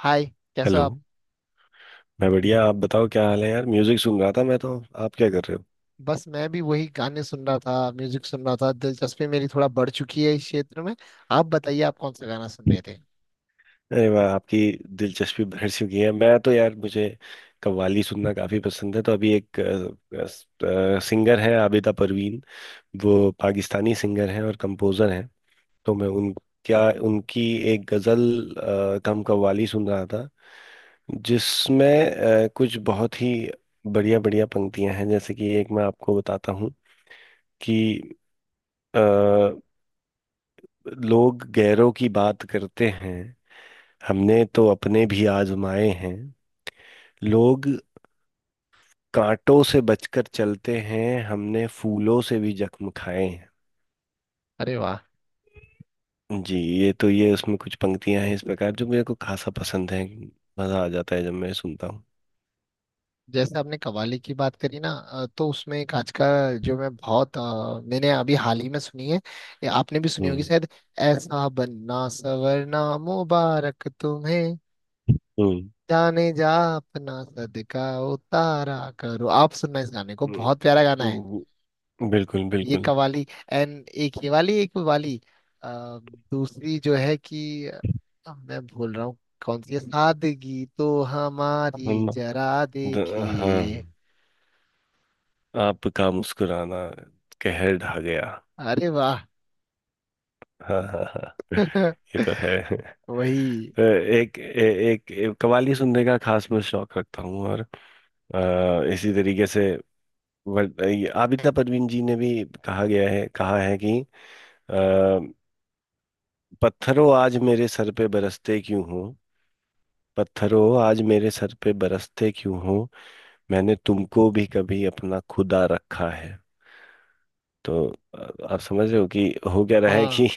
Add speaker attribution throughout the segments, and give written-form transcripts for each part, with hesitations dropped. Speaker 1: हाय, कैसे हो
Speaker 2: हेलो।
Speaker 1: आप।
Speaker 2: मैं बढ़िया, आप बताओ क्या हाल है यार। म्यूजिक सुन रहा था मैं तो। आप क्या कर रहे हो?
Speaker 1: बस मैं भी वही गाने सुन रहा था, म्यूजिक सुन रहा था। दिलचस्पी मेरी थोड़ा बढ़ चुकी है इस क्षेत्र में। आप बताइए, आप कौन सा गाना सुन रहे थे।
Speaker 2: अरे वाह, आपकी दिलचस्पी बढ़ चुकी है। मैं तो यार, मुझे कव्वाली सुनना काफी पसंद है। तो अभी एक सिंगर है, आबिदा परवीन, वो पाकिस्तानी सिंगर हैं और कंपोजर हैं। तो मैं उन, क्या, उनकी एक गजल कम कव्वाली सुन रहा था, जिसमें कुछ बहुत ही बढ़िया बढ़िया पंक्तियां हैं। जैसे कि एक मैं आपको बताता हूँ कि लोग गैरों की बात करते हैं, हमने तो अपने भी आजमाए हैं। लोग कांटों से बचकर चलते हैं, हमने फूलों से भी जख्म खाए हैं।
Speaker 1: अरे वाह।
Speaker 2: जी, ये तो, ये उसमें कुछ पंक्तियां हैं इस प्रकार जो मेरे को खासा पसंद है। मजा आ जाता है जब मैं सुनता हूँ।
Speaker 1: जैसे आपने कव्वाली की बात करी ना, तो उसमें एक आज का जो मैं बहुत मैंने अभी हाल ही में सुनी है, ये आपने भी सुनी होगी
Speaker 2: हम्म।
Speaker 1: शायद। ऐसा बनना सवरना मुबारक तुम्हें,
Speaker 2: हम्म।
Speaker 1: जाने जा, अपना सदका उतारा करो। आप सुनना इस गाने को,
Speaker 2: हम्म,
Speaker 1: बहुत प्यारा गाना
Speaker 2: हम्म,
Speaker 1: है।
Speaker 2: बिल्कुल
Speaker 1: ये
Speaker 2: बिल्कुल।
Speaker 1: कवाली एंड एक ये वाली, एक वो वाली। अ, दूसरी जो है कि मैं भूल रहा हूँ कौन सी है। सादगी तो हमारी
Speaker 2: हम
Speaker 1: जरा
Speaker 2: द, हाँ,
Speaker 1: देखिए।
Speaker 2: आपका मुस्कुराना कहर ढा गया।
Speaker 1: अरे वाह।
Speaker 2: हाँ हाँ हाँ। ये तो है।
Speaker 1: वही।
Speaker 2: तो एक एक कव्वाली सुनने का खास मैं शौक रखता हूँ। और इसी तरीके से ये आबिदा परवीन जी ने भी कहा गया है, कहा है कि अ, पत्थरों आज मेरे सर पे बरसते क्यों हो, पत्थरों आज मेरे सर पे बरसते क्यों हो, मैंने तुमको भी कभी अपना खुदा रखा है। तो आप समझ रहे हो कि हो क्या रहा है
Speaker 1: हाँ,
Speaker 2: कि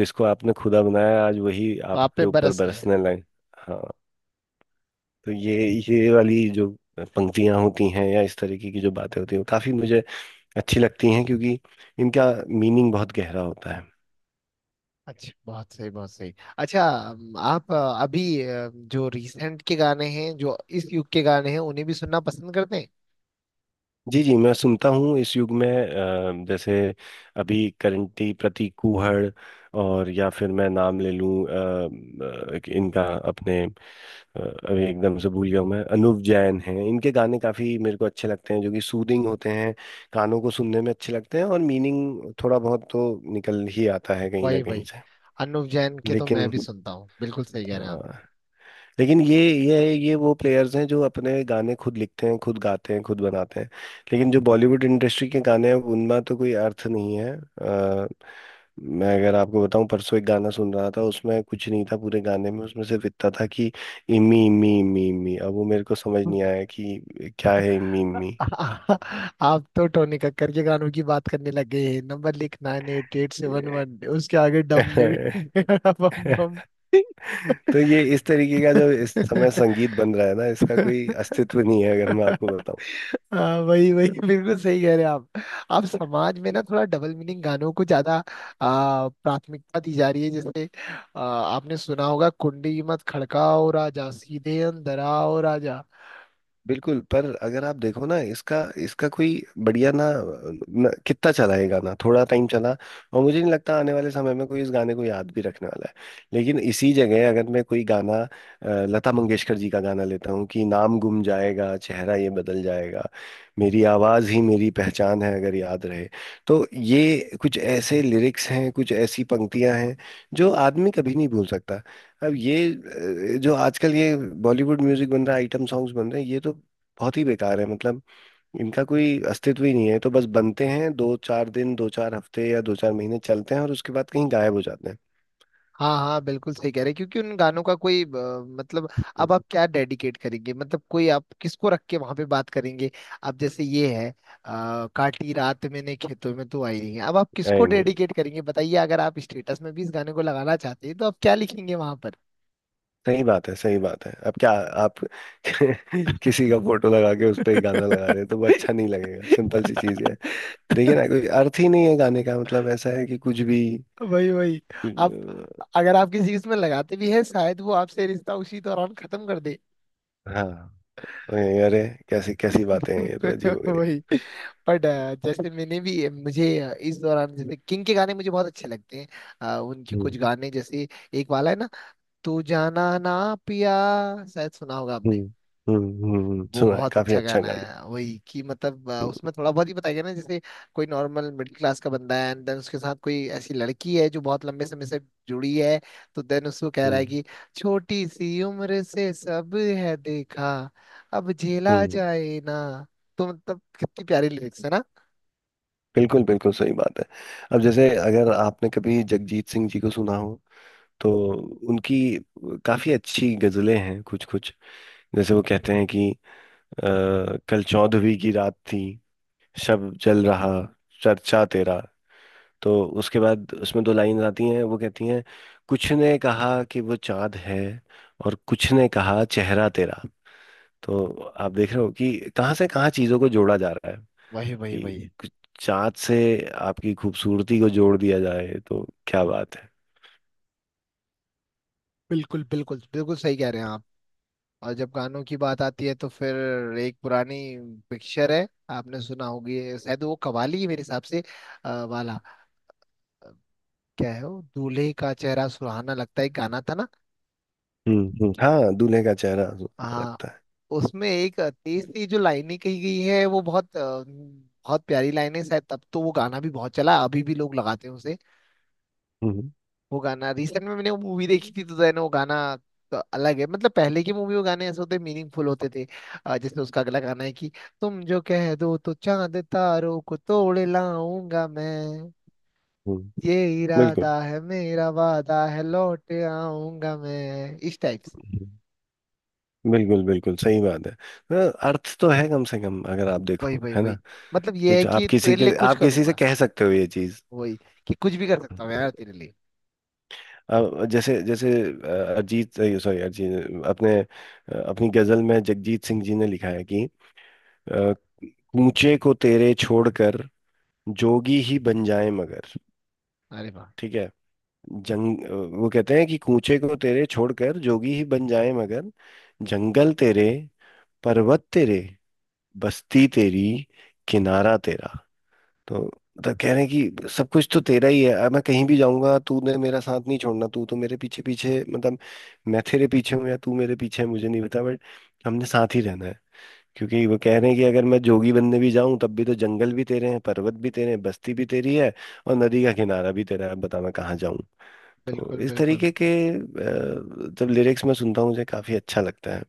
Speaker 2: जिसको आपने खुदा बनाया आज वही
Speaker 1: आप
Speaker 2: आपके
Speaker 1: पे
Speaker 2: ऊपर
Speaker 1: बरस रहे हैं।
Speaker 2: बरसने लगे। हाँ। तो ये वाली जो पंक्तियां होती हैं या इस तरीके की जो बातें होती हैं वो काफी मुझे अच्छी लगती हैं, क्योंकि इनका मीनिंग बहुत गहरा होता है।
Speaker 1: अच्छा, बहुत सही, बहुत सही। अच्छा, आप अभी जो रीसेंट के गाने हैं, जो इस युग के गाने हैं, उन्हें भी सुनना पसंद करते हैं।
Speaker 2: जी जी, मैं सुनता हूँ। इस युग में जैसे अभी करंटी प्रतीक कुहड़, और या फिर मैं नाम ले लूँ इनका, अपने अभी एकदम से भूल गया हूं मैं, अनूप जैन हैं, इनके गाने काफ़ी मेरे को अच्छे लगते हैं जो कि सूदिंग होते हैं, कानों को सुनने में अच्छे लगते हैं। और मीनिंग थोड़ा बहुत तो निकल ही आता है कहीं ना
Speaker 1: वही
Speaker 2: कहीं
Speaker 1: वही।
Speaker 2: से।
Speaker 1: अनुव जैन के तो मैं
Speaker 2: लेकिन,
Speaker 1: भी सुनता हूँ, बिल्कुल सही कह रहे हैं आप।
Speaker 2: लेकिन ये ये वो प्लेयर्स हैं जो अपने गाने खुद लिखते हैं, खुद गाते हैं, खुद बनाते हैं। लेकिन जो बॉलीवुड इंडस्ट्री के गाने हैं उनमें तो कोई अर्थ नहीं है। मैं अगर आपको बताऊं, परसों एक गाना सुन रहा था, उसमें कुछ नहीं था पूरे गाने में, उसमें सिर्फ इतना था कि इमी इमी इमी इमी। अब वो मेरे को समझ नहीं आया कि क्या है इमी इमी।
Speaker 1: आप तो टोनी कक्कर के गानों की बात करने लग गए हैं। नंबर लिख nine eight eight seven one, उसके आगे डम डे बम बम।
Speaker 2: तो ये इस तरीके का जो इस समय संगीत बन रहा है ना, इसका कोई अस्तित्व नहीं है। अगर मैं आपको
Speaker 1: हाँ, वही वही, बिल्कुल सही कह रहे हैं आप। आप समाज में ना थोड़ा डबल मीनिंग गानों को ज्यादा प्राथमिकता दी जा रही है। जैसे आपने सुना होगा, कुंडी मत खड़काओ राजा सीधे अंदर आओ।
Speaker 2: बिल्कुल, पर अगर आप देखो ना, इसका इसका कोई बढ़िया ना, ना कितना चला ये गाना? थोड़ा टाइम चला, और मुझे नहीं लगता आने वाले समय में कोई इस गाने को याद भी रखने वाला है। लेकिन इसी जगह अगर मैं कोई गाना, लता मंगेशकर जी का गाना लेता हूँ कि नाम गुम जाएगा, चेहरा ये बदल जाएगा, मेरी आवाज ही मेरी पहचान है, अगर याद रहे। तो ये कुछ ऐसे लिरिक्स हैं, कुछ ऐसी पंक्तियां हैं जो आदमी कभी नहीं भूल सकता। अब ये जो आजकल ये बॉलीवुड म्यूजिक बन रहा है, आइटम सॉन्ग्स बन रहे हैं, ये तो बहुत ही बेकार है। मतलब इनका कोई अस्तित्व ही नहीं है। तो बस बनते हैं, दो चार दिन दो चार हफ्ते या दो चार महीने चलते हैं और उसके बाद कहीं गायब हो जाते हैं।
Speaker 1: हाँ हाँ, बिल्कुल सही कह रहे हैं, क्योंकि उन गानों का कोई मतलब। अब आप क्या डेडिकेट करेंगे, मतलब कोई आप किसको रख के वहां पे बात करेंगे। अब जैसे ये है, काटी रात मैंने खेतों में तो आई नहीं है। अब आप किसको
Speaker 2: नहीं नहीं,
Speaker 1: डेडिकेट करेंगे बताइए। अगर आप स्टेटस में भी इस गाने को लगाना चाहते हैं, तो आप क्या लिखेंगे वहां पर।
Speaker 2: सही बात है सही बात है। अब क्या आप किसी का फोटो लगा के उस पर गाना लगा रहे हैं तो वो अच्छा नहीं लगेगा, सिंपल सी चीज है। देखिए ना, कोई अर्थ ही नहीं है गाने का। मतलब ऐसा है कि कुछ भी,
Speaker 1: वही वही।
Speaker 2: कुछ
Speaker 1: आप, अगर आप किसी इसमें लगाते भी हैं, शायद वो आपसे रिश्ता उसी दौरान खत्म कर दे।
Speaker 2: हाँ। अरे, कैसी कैसी बातें हैं, ये तो अजीब
Speaker 1: वही।
Speaker 2: वगैरह।
Speaker 1: बट जैसे मैंने भी, मुझे इस दौरान जैसे किंग के गाने मुझे बहुत अच्छे लगते हैं। उनके कुछ गाने जैसे एक वाला है ना, तू जाना ना पिया, शायद सुना होगा
Speaker 2: हम्म।
Speaker 1: आपने।
Speaker 2: हम्म।
Speaker 1: वो
Speaker 2: सुना है,
Speaker 1: बहुत
Speaker 2: काफी
Speaker 1: अच्छा
Speaker 2: अच्छा
Speaker 1: गाना
Speaker 2: गाना।
Speaker 1: है। वही कि मतलब
Speaker 2: हम्म।
Speaker 1: उसमें थोड़ा बहुत ही बताया गया ना। जैसे कोई नॉर्मल मिडिल क्लास का बंदा है, एंड देन उसके साथ कोई ऐसी लड़की है जो बहुत लंबे समय से जुड़ी है। तो देन उसको कह रहा है
Speaker 2: हम्म।
Speaker 1: कि छोटी सी उम्र से सब है देखा, अब झेला
Speaker 2: हम्म,
Speaker 1: जाए ना। तो मतलब कितनी प्यारी लिरिक्स है ना।
Speaker 2: बिल्कुल बिल्कुल सही बात है। अब जैसे अगर आपने कभी जगजीत सिंह जी को सुना हो तो उनकी काफी अच्छी गजलें हैं कुछ कुछ। जैसे वो कहते हैं कि अ, कल चौदहवीं की रात थी, शब जल रहा, चर्चा तेरा। तो उसके बाद उसमें दो लाइन आती हैं, वो कहती हैं कुछ ने कहा कि वो चांद है, और कुछ ने कहा चेहरा तेरा। तो आप देख रहे हो कि कहाँ से कहाँ चीजों को जोड़ा जा रहा है
Speaker 1: वही वही
Speaker 2: कि
Speaker 1: वही।
Speaker 2: कुछ चाँद से आपकी खूबसूरती को जोड़ दिया जाए तो क्या बात है।
Speaker 1: बिल्कुल बिल्कुल, बिल्कुल सही कह रहे हैं आप। और जब गानों की बात आती है तो फिर एक पुरानी पिक्चर है, आपने सुना होगी शायद। वो कवाली है मेरे हिसाब से वाला। अ, क्या है वो, दूल्हे का चेहरा सुहाना लगता है, एक गाना था ना।
Speaker 2: हम्म। हाँ, दूल्हे का चेहरा
Speaker 1: हाँ,
Speaker 2: लगता है।
Speaker 1: उसमें एक तेज सी जो लाइनें कही गई है वो बहुत बहुत प्यारी लाइन है। शायद तब तो वो गाना भी बहुत चला, अभी भी लोग लगाते हैं उसे।
Speaker 2: हम्म।
Speaker 1: वो गाना रिसेंट में मैंने वो मूवी देखी थी, तो देन वो गाना तो अलग है। मतलब पहले की मूवी, वो गाने ऐसे होते, मीनिंगफुल होते थे। जैसे उसका अगला गाना है कि तुम जो कह दो तो चांद तारों को तोड़ लाऊंगा मैं।
Speaker 2: हम्म,
Speaker 1: ये
Speaker 2: बिल्कुल।
Speaker 1: इरादा है मेरा, वादा है लौट आऊंगा मैं। इस टाइप से।
Speaker 2: हम्म, बिल्कुल बिल्कुल सही बात है। हाँ, अर्थ तो है कम से कम अगर आप
Speaker 1: वही
Speaker 2: देखो
Speaker 1: वही
Speaker 2: है ना।
Speaker 1: वही। मतलब ये है
Speaker 2: कुछ आप
Speaker 1: कि
Speaker 2: किसी
Speaker 1: तेरे लिए
Speaker 2: के,
Speaker 1: कुछ
Speaker 2: आप किसी से
Speaker 1: करूंगा।
Speaker 2: कह सकते हो ये चीज।
Speaker 1: वही, कि कुछ भी कर सकता हूँ यार तेरे लिए।
Speaker 2: अब जैसे जैसे अरिजीत, सॉरी अरिजीत, अपने अपनी गजल में जगजीत सिंह जी ने लिखा है कि अ, कूचे को तेरे छोड़कर जोगी ही बन जाए मगर,
Speaker 1: अरे वाह।
Speaker 2: ठीक है, जंग, वो कहते हैं कि कूचे को तेरे छोड़कर जोगी ही बन जाए मगर, जंगल तेरे, पर्वत तेरे, बस्ती तेरी, किनारा तेरा। तो मतलब कह रहे हैं कि सब कुछ तो तेरा ही है। अब मैं कहीं भी जाऊंगा, तूने मेरा साथ नहीं छोड़ना, तू तो मेरे पीछे पीछे, मतलब मैं तेरे पीछे हूँ या तू मेरे पीछे है मुझे नहीं पता, बट हमने साथ ही रहना है। क्योंकि वो कह रहे हैं कि अगर मैं जोगी बनने भी जाऊं, तब भी तो जंगल भी तेरे हैं, पर्वत भी तेरे हैं, बस्ती भी तेरी है, और नदी का किनारा भी तेरा है। अब बता, मैं कहाँ जाऊं। तो
Speaker 1: बिल्कुल
Speaker 2: इस
Speaker 1: बिल्कुल
Speaker 2: तरीके के जब लिरिक्स मैं सुनता हूँ, मुझे काफी अच्छा लगता है।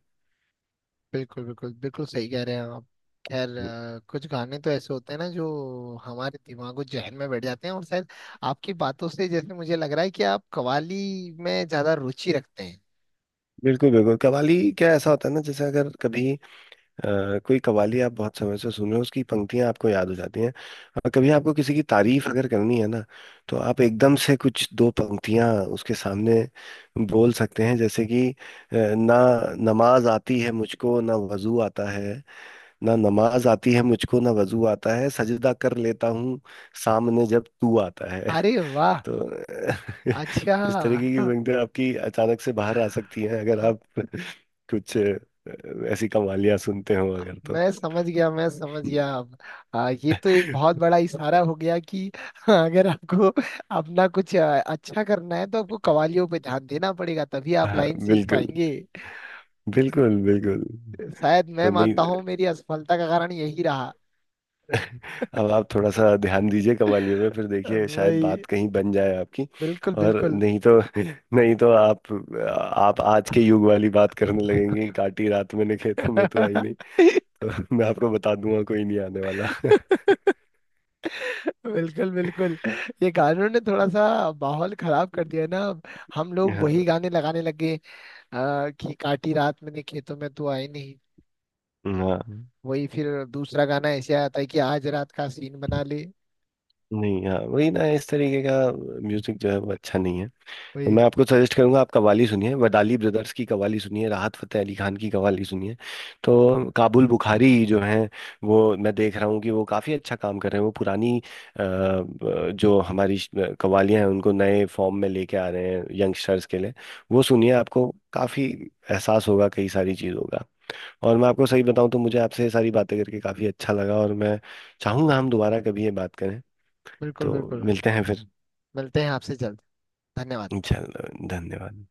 Speaker 1: बिल्कुल, बिल्कुल बिल्कुल सही कह रहे हैं आप। खैर, कुछ गाने तो ऐसे होते हैं ना जो हमारे दिमागो जहन में बैठ जाते हैं। और शायद आपकी बातों से जैसे मुझे लग रहा है कि आप कव्वाली में ज्यादा रुचि रखते हैं।
Speaker 2: बिल्कुल बिल्कुल। कव्वाली क्या, ऐसा होता है ना, जैसे अगर कभी कोई कवाली आप बहुत समय से सुन रहे हो, उसकी पंक्तियां आपको याद हो जाती हैं। और कभी आपको किसी की तारीफ अगर करनी है ना, तो आप एकदम से कुछ दो पंक्तियां उसके सामने बोल सकते हैं। जैसे कि ना, नमाज आती है मुझको ना वजू आता है, ना नमाज आती है मुझको ना वजू आता है, सजदा कर लेता हूँ सामने जब तू आता है।
Speaker 1: अरे वाह।
Speaker 2: तो
Speaker 1: अच्छा।
Speaker 2: इस तरीके की पंक्तियां आपकी अचानक से बाहर आ सकती हैं अगर आप कुछ ऐसी कवालियां सुनते हो अगर तो।
Speaker 1: मैं समझ गया, मैं समझ गया अब। ये तो एक बहुत बड़ा इशारा हो गया कि अगर आपको अपना कुछ अच्छा करना है, तो आपको कवालियों पे ध्यान देना पड़ेगा, तभी आप
Speaker 2: हाँ
Speaker 1: लाइन सीख
Speaker 2: बिल्कुल,
Speaker 1: पाएंगे।
Speaker 2: बिल्कुल बिल्कुल।
Speaker 1: शायद मैं
Speaker 2: तो नहीं।
Speaker 1: मानता हूँ मेरी असफलता का कारण यही रहा।
Speaker 2: अब आप थोड़ा सा ध्यान दीजिए कवालियों में, फिर देखिए शायद
Speaker 1: वही।
Speaker 2: बात कहीं बन जाए आपकी।
Speaker 1: बिल्कुल
Speaker 2: और
Speaker 1: बिल्कुल।
Speaker 2: नहीं तो, नहीं तो आप आज के युग वाली बात करने लगेंगे कि काटी रात मैंने खेतों में तो आई नहीं, तो मैं आपको बता दूंगा कोई नहीं आने वाला।
Speaker 1: बिल्कुल बिल्कुल। ये गानों ने थोड़ा सा माहौल खराब कर दिया है ना। अब हम लोग
Speaker 2: हाँ।
Speaker 1: वही गाने लगाने लगे, कि काटी रात मैंने खेतों में तू आई नहीं।
Speaker 2: हाँ,
Speaker 1: वही फिर दूसरा गाना ऐसे आता है कि आज रात का सीन बना ले।
Speaker 2: नहीं हाँ वही ना, इस तरीके का म्यूजिक जो है वो अच्छा नहीं है। तो
Speaker 1: वही।
Speaker 2: मैं आपको सजेस्ट करूंगा, आप कव्वाली सुनिए, वदाली ब्रदर्स की कव्वाली सुनिए, राहत फतेह अली खान की कव्वाली सुनिए। तो काबुल बुखारी जो हैं, वो मैं देख रहा हूँ कि वो काफ़ी अच्छा काम कर रहे हैं। वो पुरानी जो हमारी कव्वालियाँ हैं, उनको नए फॉर्म में लेके आ रहे हैं यंगस्टर्स के लिए। वो सुनिए, आपको काफ़ी एहसास होगा कई सारी चीज़ों का। और मैं आपको सही बताऊँ तो मुझे आपसे ये सारी बातें करके काफ़ी अच्छा लगा, और मैं चाहूँगा हम दोबारा कभी ये बात करें।
Speaker 1: बिल्कुल
Speaker 2: तो
Speaker 1: बिल्कुल।
Speaker 2: मिलते हैं फिर।
Speaker 1: मिलते हैं आपसे जल्द। धन्यवाद।
Speaker 2: इंशाल्लाह, धन्यवाद।